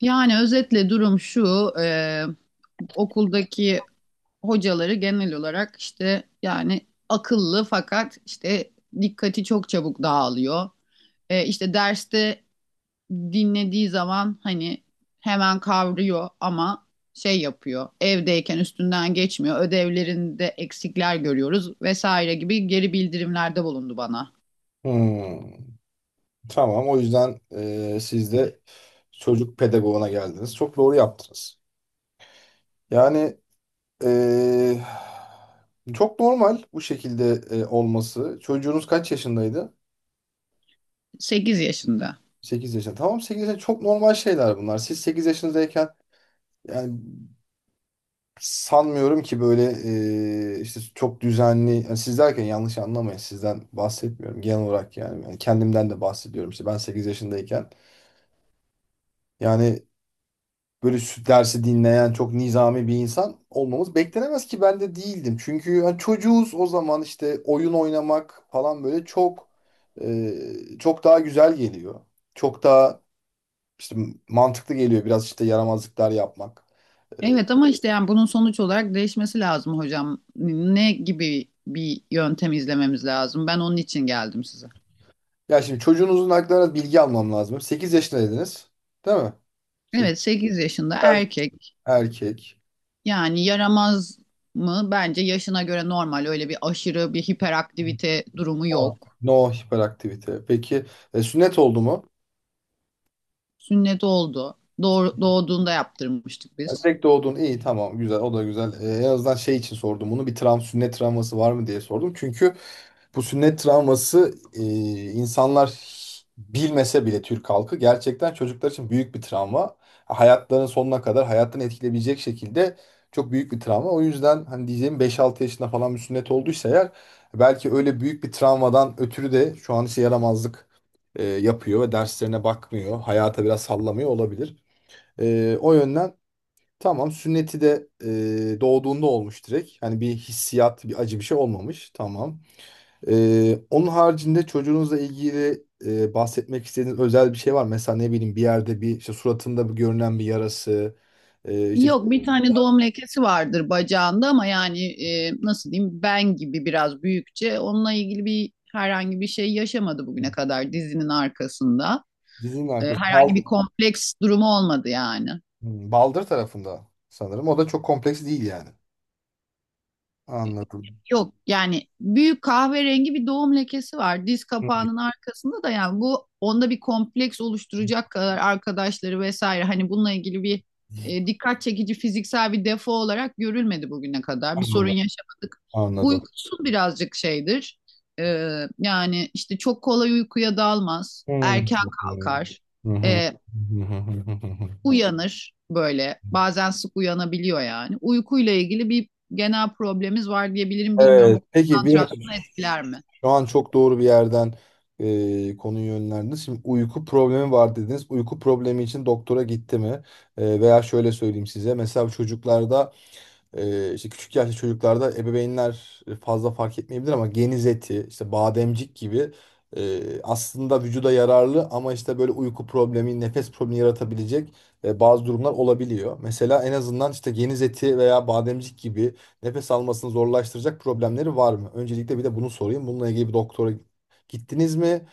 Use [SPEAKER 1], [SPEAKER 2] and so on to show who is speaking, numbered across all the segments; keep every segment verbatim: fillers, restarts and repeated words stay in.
[SPEAKER 1] Yani özetle durum şu, e, okuldaki hocaları genel olarak işte yani akıllı fakat işte dikkati çok çabuk dağılıyor. E, işte derste dinlediği zaman hani hemen kavruyor ama şey yapıyor, evdeyken üstünden geçmiyor, ödevlerinde eksikler görüyoruz vesaire gibi geri bildirimlerde bulundu bana.
[SPEAKER 2] Hmm, tamam. O yüzden e, siz de çocuk pedagoğuna geldiniz. Çok doğru yaptınız. Yani e, çok normal bu şekilde e, olması. Çocuğunuz kaç yaşındaydı?
[SPEAKER 1] sekiz yaşında.
[SPEAKER 2] Sekiz yaşında. Tamam, sekiz yaşında çok normal şeyler bunlar. Siz sekiz yaşındayken yani sanmıyorum ki böyle e, işte çok düzenli. Yani siz derken yanlış anlamayın. Sizden bahsetmiyorum, genel olarak yani. Yani kendimden de bahsediyorum. İşte ben sekiz yaşındayken yani böyle sü- dersi dinleyen çok nizami bir insan olmamız beklenemez ki, ben de değildim. Çünkü hani çocuğuz o zaman, işte oyun oynamak falan böyle çok e, çok daha güzel geliyor. Çok daha işte mantıklı geliyor biraz, işte yaramazlıklar yapmak.
[SPEAKER 1] Evet ama işte yani bunun sonuç olarak değişmesi lazım hocam. Ne gibi bir yöntem izlememiz lazım? Ben onun için geldim size.
[SPEAKER 2] Ya şimdi çocuğunuzun aklına bilgi almam lazım. Sekiz yaşında dediniz. Değil mi? sekiz.
[SPEAKER 1] Evet, sekiz yaşında
[SPEAKER 2] Evet.
[SPEAKER 1] erkek,
[SPEAKER 2] Erkek.
[SPEAKER 1] yani yaramaz mı? Bence yaşına göre normal, öyle bir aşırı bir hiperaktivite durumu yok.
[SPEAKER 2] No hiperaktivite. Peki, e, sünnet oldu mu?
[SPEAKER 1] Sünnet oldu. Doğ- doğduğunda yaptırmıştık biz.
[SPEAKER 2] Tek doğdun, iyi, tamam, güzel, o da güzel. Ee, en azından şey için sordum bunu, bir travma, sünnet travması var mı diye sordum. Çünkü bu sünnet travması, e, insanlar bilmese bile Türk halkı gerçekten çocuklar için büyük bir travma. Hayatlarının sonuna kadar hayatını etkileyebilecek şekilde çok büyük bir travma. O yüzden hani diyeceğim, beş altı yaşında falan bir sünnet olduysa eğer, belki öyle büyük bir travmadan ötürü de şu an işe yaramazlık e, yapıyor ve derslerine bakmıyor. Hayata biraz sallamıyor olabilir. E, o yönden tamam, sünneti de e, doğduğunda olmuş direkt. Hani bir hissiyat, bir acı, bir şey olmamış. Tamam. E, onun haricinde çocuğunuzla ilgili e, bahsetmek istediğiniz özel bir şey var mı? Mesela ne bileyim, bir yerde bir işte suratında bir görünen bir yarası. E, işte
[SPEAKER 1] Yok, bir tane doğum lekesi vardır bacağında ama yani e, nasıl diyeyim ben gibi biraz büyükçe, onunla ilgili bir herhangi bir şey yaşamadı bugüne kadar, dizinin arkasında.
[SPEAKER 2] dizinin
[SPEAKER 1] E,
[SPEAKER 2] arkası. Bal,
[SPEAKER 1] herhangi bir kompleks durumu olmadı yani.
[SPEAKER 2] Hmm, baldır tarafında sanırım. O da çok kompleks değil yani. Anladım.
[SPEAKER 1] Yok yani, büyük kahverengi bir doğum lekesi var. Diz
[SPEAKER 2] Hı.
[SPEAKER 1] kapağının arkasında da, yani bu onda bir kompleks oluşturacak kadar arkadaşları vesaire hani bununla ilgili bir e, dikkat çekici fiziksel bir defo olarak görülmedi bugüne kadar. Bir sorun
[SPEAKER 2] Anladım.
[SPEAKER 1] yaşamadık.
[SPEAKER 2] Anladım.
[SPEAKER 1] Uykusu birazcık şeydir. E, Yani işte çok kolay uykuya dalmaz.
[SPEAKER 2] Hmm.
[SPEAKER 1] Erken
[SPEAKER 2] Hı hı.
[SPEAKER 1] kalkar.
[SPEAKER 2] Hı hı.
[SPEAKER 1] E,
[SPEAKER 2] Hı hı hı hı hı.
[SPEAKER 1] Uyanır böyle. Bazen sık uyanabiliyor yani. Uykuyla ilgili bir genel problemimiz var diyebilirim. Bilmiyorum,
[SPEAKER 2] Evet.
[SPEAKER 1] bu
[SPEAKER 2] Peki, bir dakika.
[SPEAKER 1] konsantrasyonu etkiler mi?
[SPEAKER 2] Şu an çok doğru bir yerden e, konuyu yönlendiniz. Şimdi uyku problemi var dediniz. Uyku problemi için doktora gitti mi? E, veya şöyle söyleyeyim size. Mesela çocuklarda, ee, işte küçük yaşlı çocuklarda ebeveynler fazla fark etmeyebilir ama geniz eti, işte bademcik gibi, e, aslında vücuda yararlı ama işte böyle uyku problemi, nefes problemi yaratabilecek e, bazı durumlar olabiliyor. Mesela en azından işte geniz eti veya bademcik gibi nefes almasını zorlaştıracak problemleri var mı? Öncelikle bir de bunu sorayım. Bununla ilgili bir doktora gittiniz mi?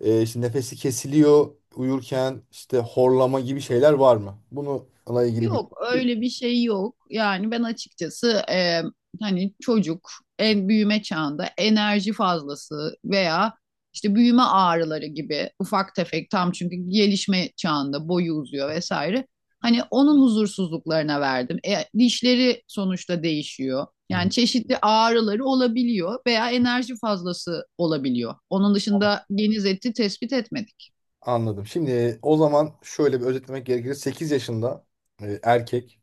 [SPEAKER 2] E, işte nefesi kesiliyor uyurken, işte horlama gibi şeyler var mı? Bununla ilgili bir...
[SPEAKER 1] Yok, öyle bir şey yok. Yani ben açıkçası e, hani çocuk en büyüme çağında enerji fazlası veya işte büyüme ağrıları gibi ufak tefek tam, çünkü gelişme çağında boyu uzuyor vesaire. Hani onun huzursuzluklarına verdim. E, dişleri sonuçta değişiyor.
[SPEAKER 2] Hı.
[SPEAKER 1] Yani çeşitli ağrıları olabiliyor veya enerji fazlası olabiliyor. Onun dışında geniz eti tespit etmedik.
[SPEAKER 2] Anladım. Şimdi e, o zaman şöyle bir özetlemek gerekirse, sekiz yaşında e, erkek,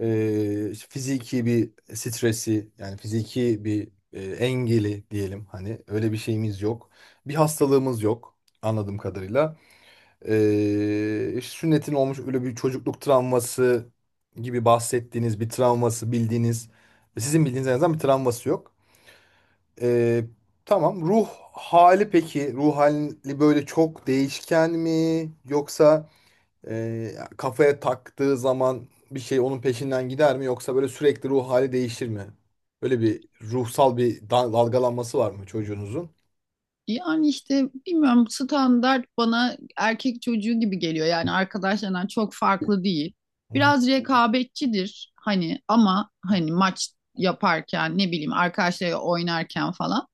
[SPEAKER 2] e, işte fiziki bir stresi, yani fiziki bir e, engeli diyelim, hani öyle bir şeyimiz yok. Bir hastalığımız yok anladığım kadarıyla. E, işte sünnetin olmuş, öyle bir çocukluk travması gibi bahsettiğiniz bir travması, bildiğiniz e, sizin bildiğiniz en azından bir travması yok. E, tamam, ruh hali, peki ruh hali böyle çok değişken mi yoksa e, kafaya taktığı zaman bir şey onun peşinden gider mi, yoksa böyle sürekli ruh hali değişir mi? Böyle bir ruhsal bir dal- dalgalanması var mı çocuğunuzun?
[SPEAKER 1] Yani işte bilmiyorum, standart bana erkek çocuğu gibi geliyor. Yani arkadaşlarından çok farklı değil.
[SPEAKER 2] Hı hı.
[SPEAKER 1] Biraz rekabetçidir hani, ama hani maç yaparken ne bileyim arkadaşlarıyla oynarken falan.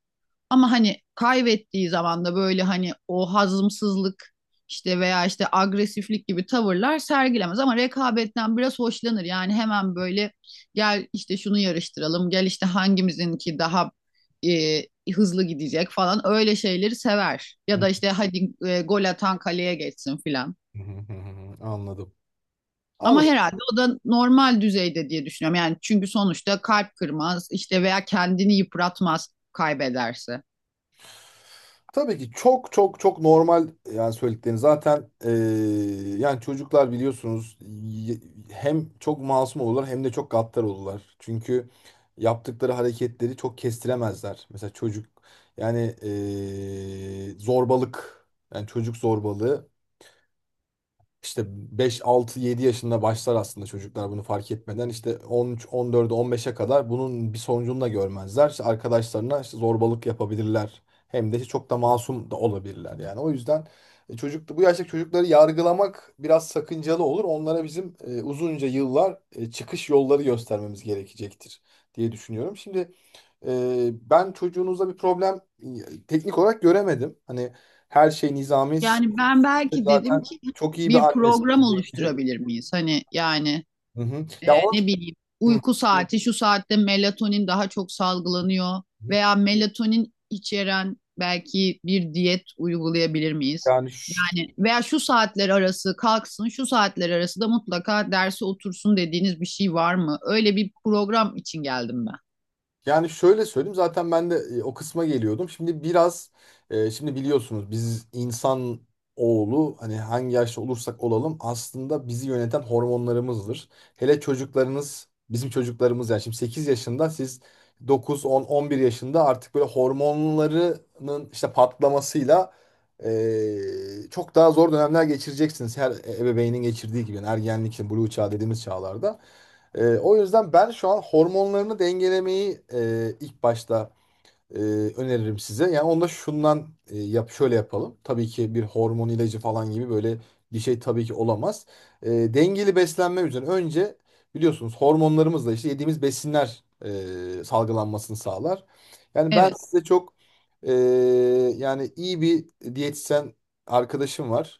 [SPEAKER 1] Ama hani kaybettiği zaman da böyle hani o hazımsızlık işte veya işte agresiflik gibi tavırlar sergilemez, ama rekabetten biraz hoşlanır. Yani hemen böyle gel işte şunu yarıştıralım, gel işte hangimizinki daha e, hızlı gidecek falan, öyle şeyleri sever. Ya
[SPEAKER 2] Hı
[SPEAKER 1] da işte hadi e, gol atan kaleye geçsin filan.
[SPEAKER 2] hı hı hı. Anladım.
[SPEAKER 1] Ama
[SPEAKER 2] Anladım.
[SPEAKER 1] herhalde o da normal düzeyde diye düşünüyorum. Yani çünkü sonuçta kalp kırmaz işte veya kendini yıpratmaz kaybederse.
[SPEAKER 2] Tabii ki çok çok çok normal, yani söylediklerini zaten, eee, yani çocuklar biliyorsunuz y- hem çok masum olurlar hem de çok gaddar olurlar. Çünkü yaptıkları hareketleri çok kestiremezler. Mesela çocuk, yani eee, zorbalık, yani çocuk zorbalığı işte beş altı yedi yaşında başlar aslında, çocuklar bunu fark etmeden. İşte on üç, on dörde, on beşe kadar bunun bir sonucunu da görmezler. İşte arkadaşlarına işte zorbalık yapabilirler. Hem de işte çok da masum da olabilirler yani. O yüzden e, çocuk, bu yaştaki çocukları yargılamak biraz sakıncalı olur. Onlara bizim e, uzunca yıllar e, çıkış yolları göstermemiz gerekecektir diye düşünüyorum. Şimdi e, ben çocuğunuzda bir problem e, teknik olarak göremedim. Hani her şey nizami.
[SPEAKER 1] Yani ben belki dedim
[SPEAKER 2] Zaten
[SPEAKER 1] ki
[SPEAKER 2] çok iyi
[SPEAKER 1] bir
[SPEAKER 2] bir annesiz
[SPEAKER 1] program
[SPEAKER 2] belki.
[SPEAKER 1] oluşturabilir miyiz? Hani yani
[SPEAKER 2] Hı hı.
[SPEAKER 1] e,
[SPEAKER 2] Ya o.
[SPEAKER 1] ne bileyim
[SPEAKER 2] Hı
[SPEAKER 1] uyku saati şu saatte melatonin daha çok salgılanıyor
[SPEAKER 2] hı.
[SPEAKER 1] veya melatonin içeren belki bir diyet uygulayabilir miyiz?
[SPEAKER 2] Yani.
[SPEAKER 1] Yani veya şu saatler arası kalksın, şu saatler arası da mutlaka derse otursun dediğiniz bir şey var mı? Öyle bir program için geldim ben.
[SPEAKER 2] Yani şöyle söyleyeyim, zaten ben de e, o kısma geliyordum. Şimdi biraz, e, şimdi biliyorsunuz biz insan oğlu, hani hangi yaşta olursak olalım aslında bizi yöneten hormonlarımızdır. Hele çocuklarınız, bizim çocuklarımız yani, şimdi sekiz yaşında, siz dokuz on on bir yaşında artık böyle hormonlarının işte patlamasıyla e, çok daha zor dönemler geçireceksiniz. Her e, ebeveynin geçirdiği gibi, yani ergenlik, işte, blue çağ dediğimiz çağlarda. Ee, o yüzden ben şu an hormonlarını dengelemeyi, e, ilk başta, e, öneririm size. Yani onda şundan, e, yap, şöyle yapalım. Tabii ki bir hormon ilacı falan gibi böyle bir şey tabii ki olamaz. E, dengeli beslenme üzerine önce, biliyorsunuz hormonlarımızla işte yediğimiz besinler e, salgılanmasını sağlar. Yani ben
[SPEAKER 1] Evet,
[SPEAKER 2] size çok e, yani iyi bir diyetisyen arkadaşım var.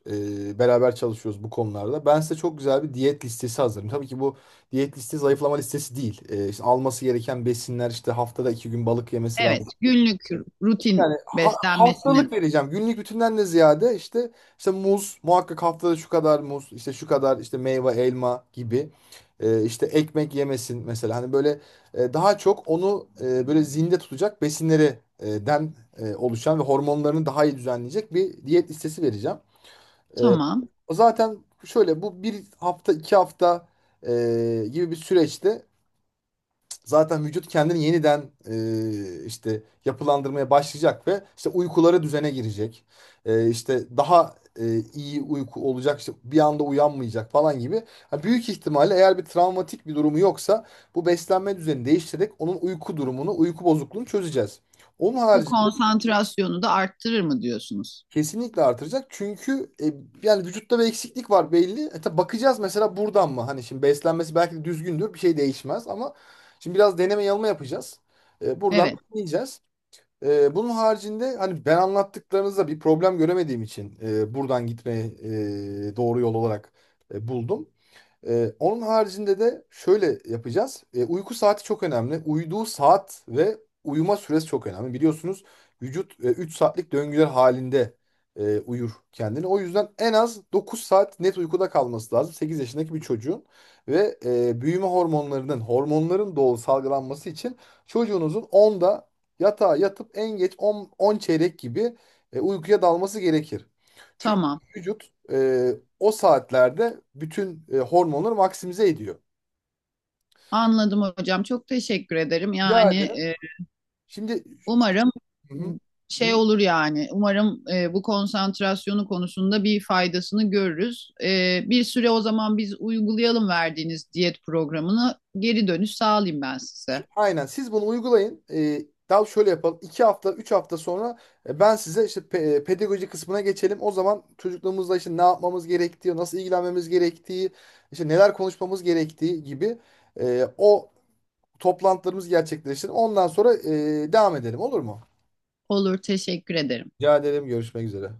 [SPEAKER 2] E, beraber çalışıyoruz bu konularda. Ben size çok güzel bir diyet listesi hazırım. Tabii ki bu diyet listesi zayıflama listesi değil. E, işte alması gereken besinler, işte haftada iki gün balık yemesi
[SPEAKER 1] evet.
[SPEAKER 2] lazım,
[SPEAKER 1] Günlük rutin
[SPEAKER 2] yani ha- haftalık
[SPEAKER 1] beslenmesinin
[SPEAKER 2] vereceğim. Günlük bütünden de ziyade, işte işte muz muhakkak, haftada şu kadar muz, işte şu kadar, işte meyve, elma gibi. Ee, işte ekmek yemesin mesela, hani böyle e, daha çok onu e, böyle zinde tutacak besinleri e, den e, oluşan ve hormonlarını daha iyi düzenleyecek bir diyet listesi vereceğim. Ee,
[SPEAKER 1] tamam.
[SPEAKER 2] O zaten, şöyle bu bir hafta iki hafta e, gibi bir süreçte zaten vücut kendini yeniden e, işte yapılandırmaya başlayacak ve işte uykuları düzene girecek. E, işte daha e, iyi uyku olacak, işte bir anda uyanmayacak falan gibi. Ha, büyük ihtimalle eğer bir travmatik bir durumu yoksa, bu beslenme düzeni değiştirerek onun uyku durumunu, uyku bozukluğunu çözeceğiz. Onun
[SPEAKER 1] Bu
[SPEAKER 2] harici.
[SPEAKER 1] konsantrasyonu da arttırır mı diyorsunuz?
[SPEAKER 2] Kesinlikle artıracak. Çünkü e, yani vücutta bir eksiklik var belli. E, tabii bakacağız mesela, buradan mı? Hani şimdi beslenmesi belki de düzgündür. Bir şey değişmez ama şimdi biraz deneme yanılma yapacağız. E, buradan
[SPEAKER 1] Evet,
[SPEAKER 2] bakmayacağız. E, bunun haricinde hani ben anlattıklarınızda bir problem göremediğim için e, buradan gitmeyi e, doğru yol olarak e, buldum. Ee, onun haricinde de şöyle yapacağız. Ee, uyku saati çok önemli. Uyuduğu saat ve uyuma süresi çok önemli. Biliyorsunuz vücut e, üç saatlik döngüler halinde e, uyur kendini. O yüzden en az dokuz saat net uykuda kalması lazım. Sekiz yaşındaki bir çocuğun ve e, büyüme hormonlarının, hormonların doğal salgılanması için çocuğunuzun onda yatağa yatıp en geç on on çeyrek gibi e, uykuya dalması gerekir.
[SPEAKER 1] tamam.
[SPEAKER 2] Vücut e, o saatlerde bütün e, hormonları maksimize ediyor.
[SPEAKER 1] Anladım hocam. Çok teşekkür ederim.
[SPEAKER 2] Rica
[SPEAKER 1] Yani
[SPEAKER 2] ederim.
[SPEAKER 1] e,
[SPEAKER 2] Şimdi.
[SPEAKER 1] umarım
[SPEAKER 2] Hı hı.
[SPEAKER 1] şey olur yani. Umarım e, bu konsantrasyonu konusunda bir faydasını görürüz. E, bir süre o zaman biz uygulayalım verdiğiniz diyet programını. Geri dönüş sağlayayım ben
[SPEAKER 2] Şu-
[SPEAKER 1] size.
[SPEAKER 2] aynen, siz bunu uygulayın. E, daha şöyle yapalım. iki hafta, üç hafta sonra e, ben size işte, pe- e, pedagoji kısmına geçelim. O zaman çocukluğumuzda işte ne yapmamız gerektiği, nasıl ilgilenmemiz gerektiği, işte neler konuşmamız gerektiği gibi e, o toplantılarımız gerçekleşir. Ondan sonra e, devam edelim, olur mu?
[SPEAKER 1] Olur, teşekkür ederim.
[SPEAKER 2] Rica ederim. Görüşmek üzere.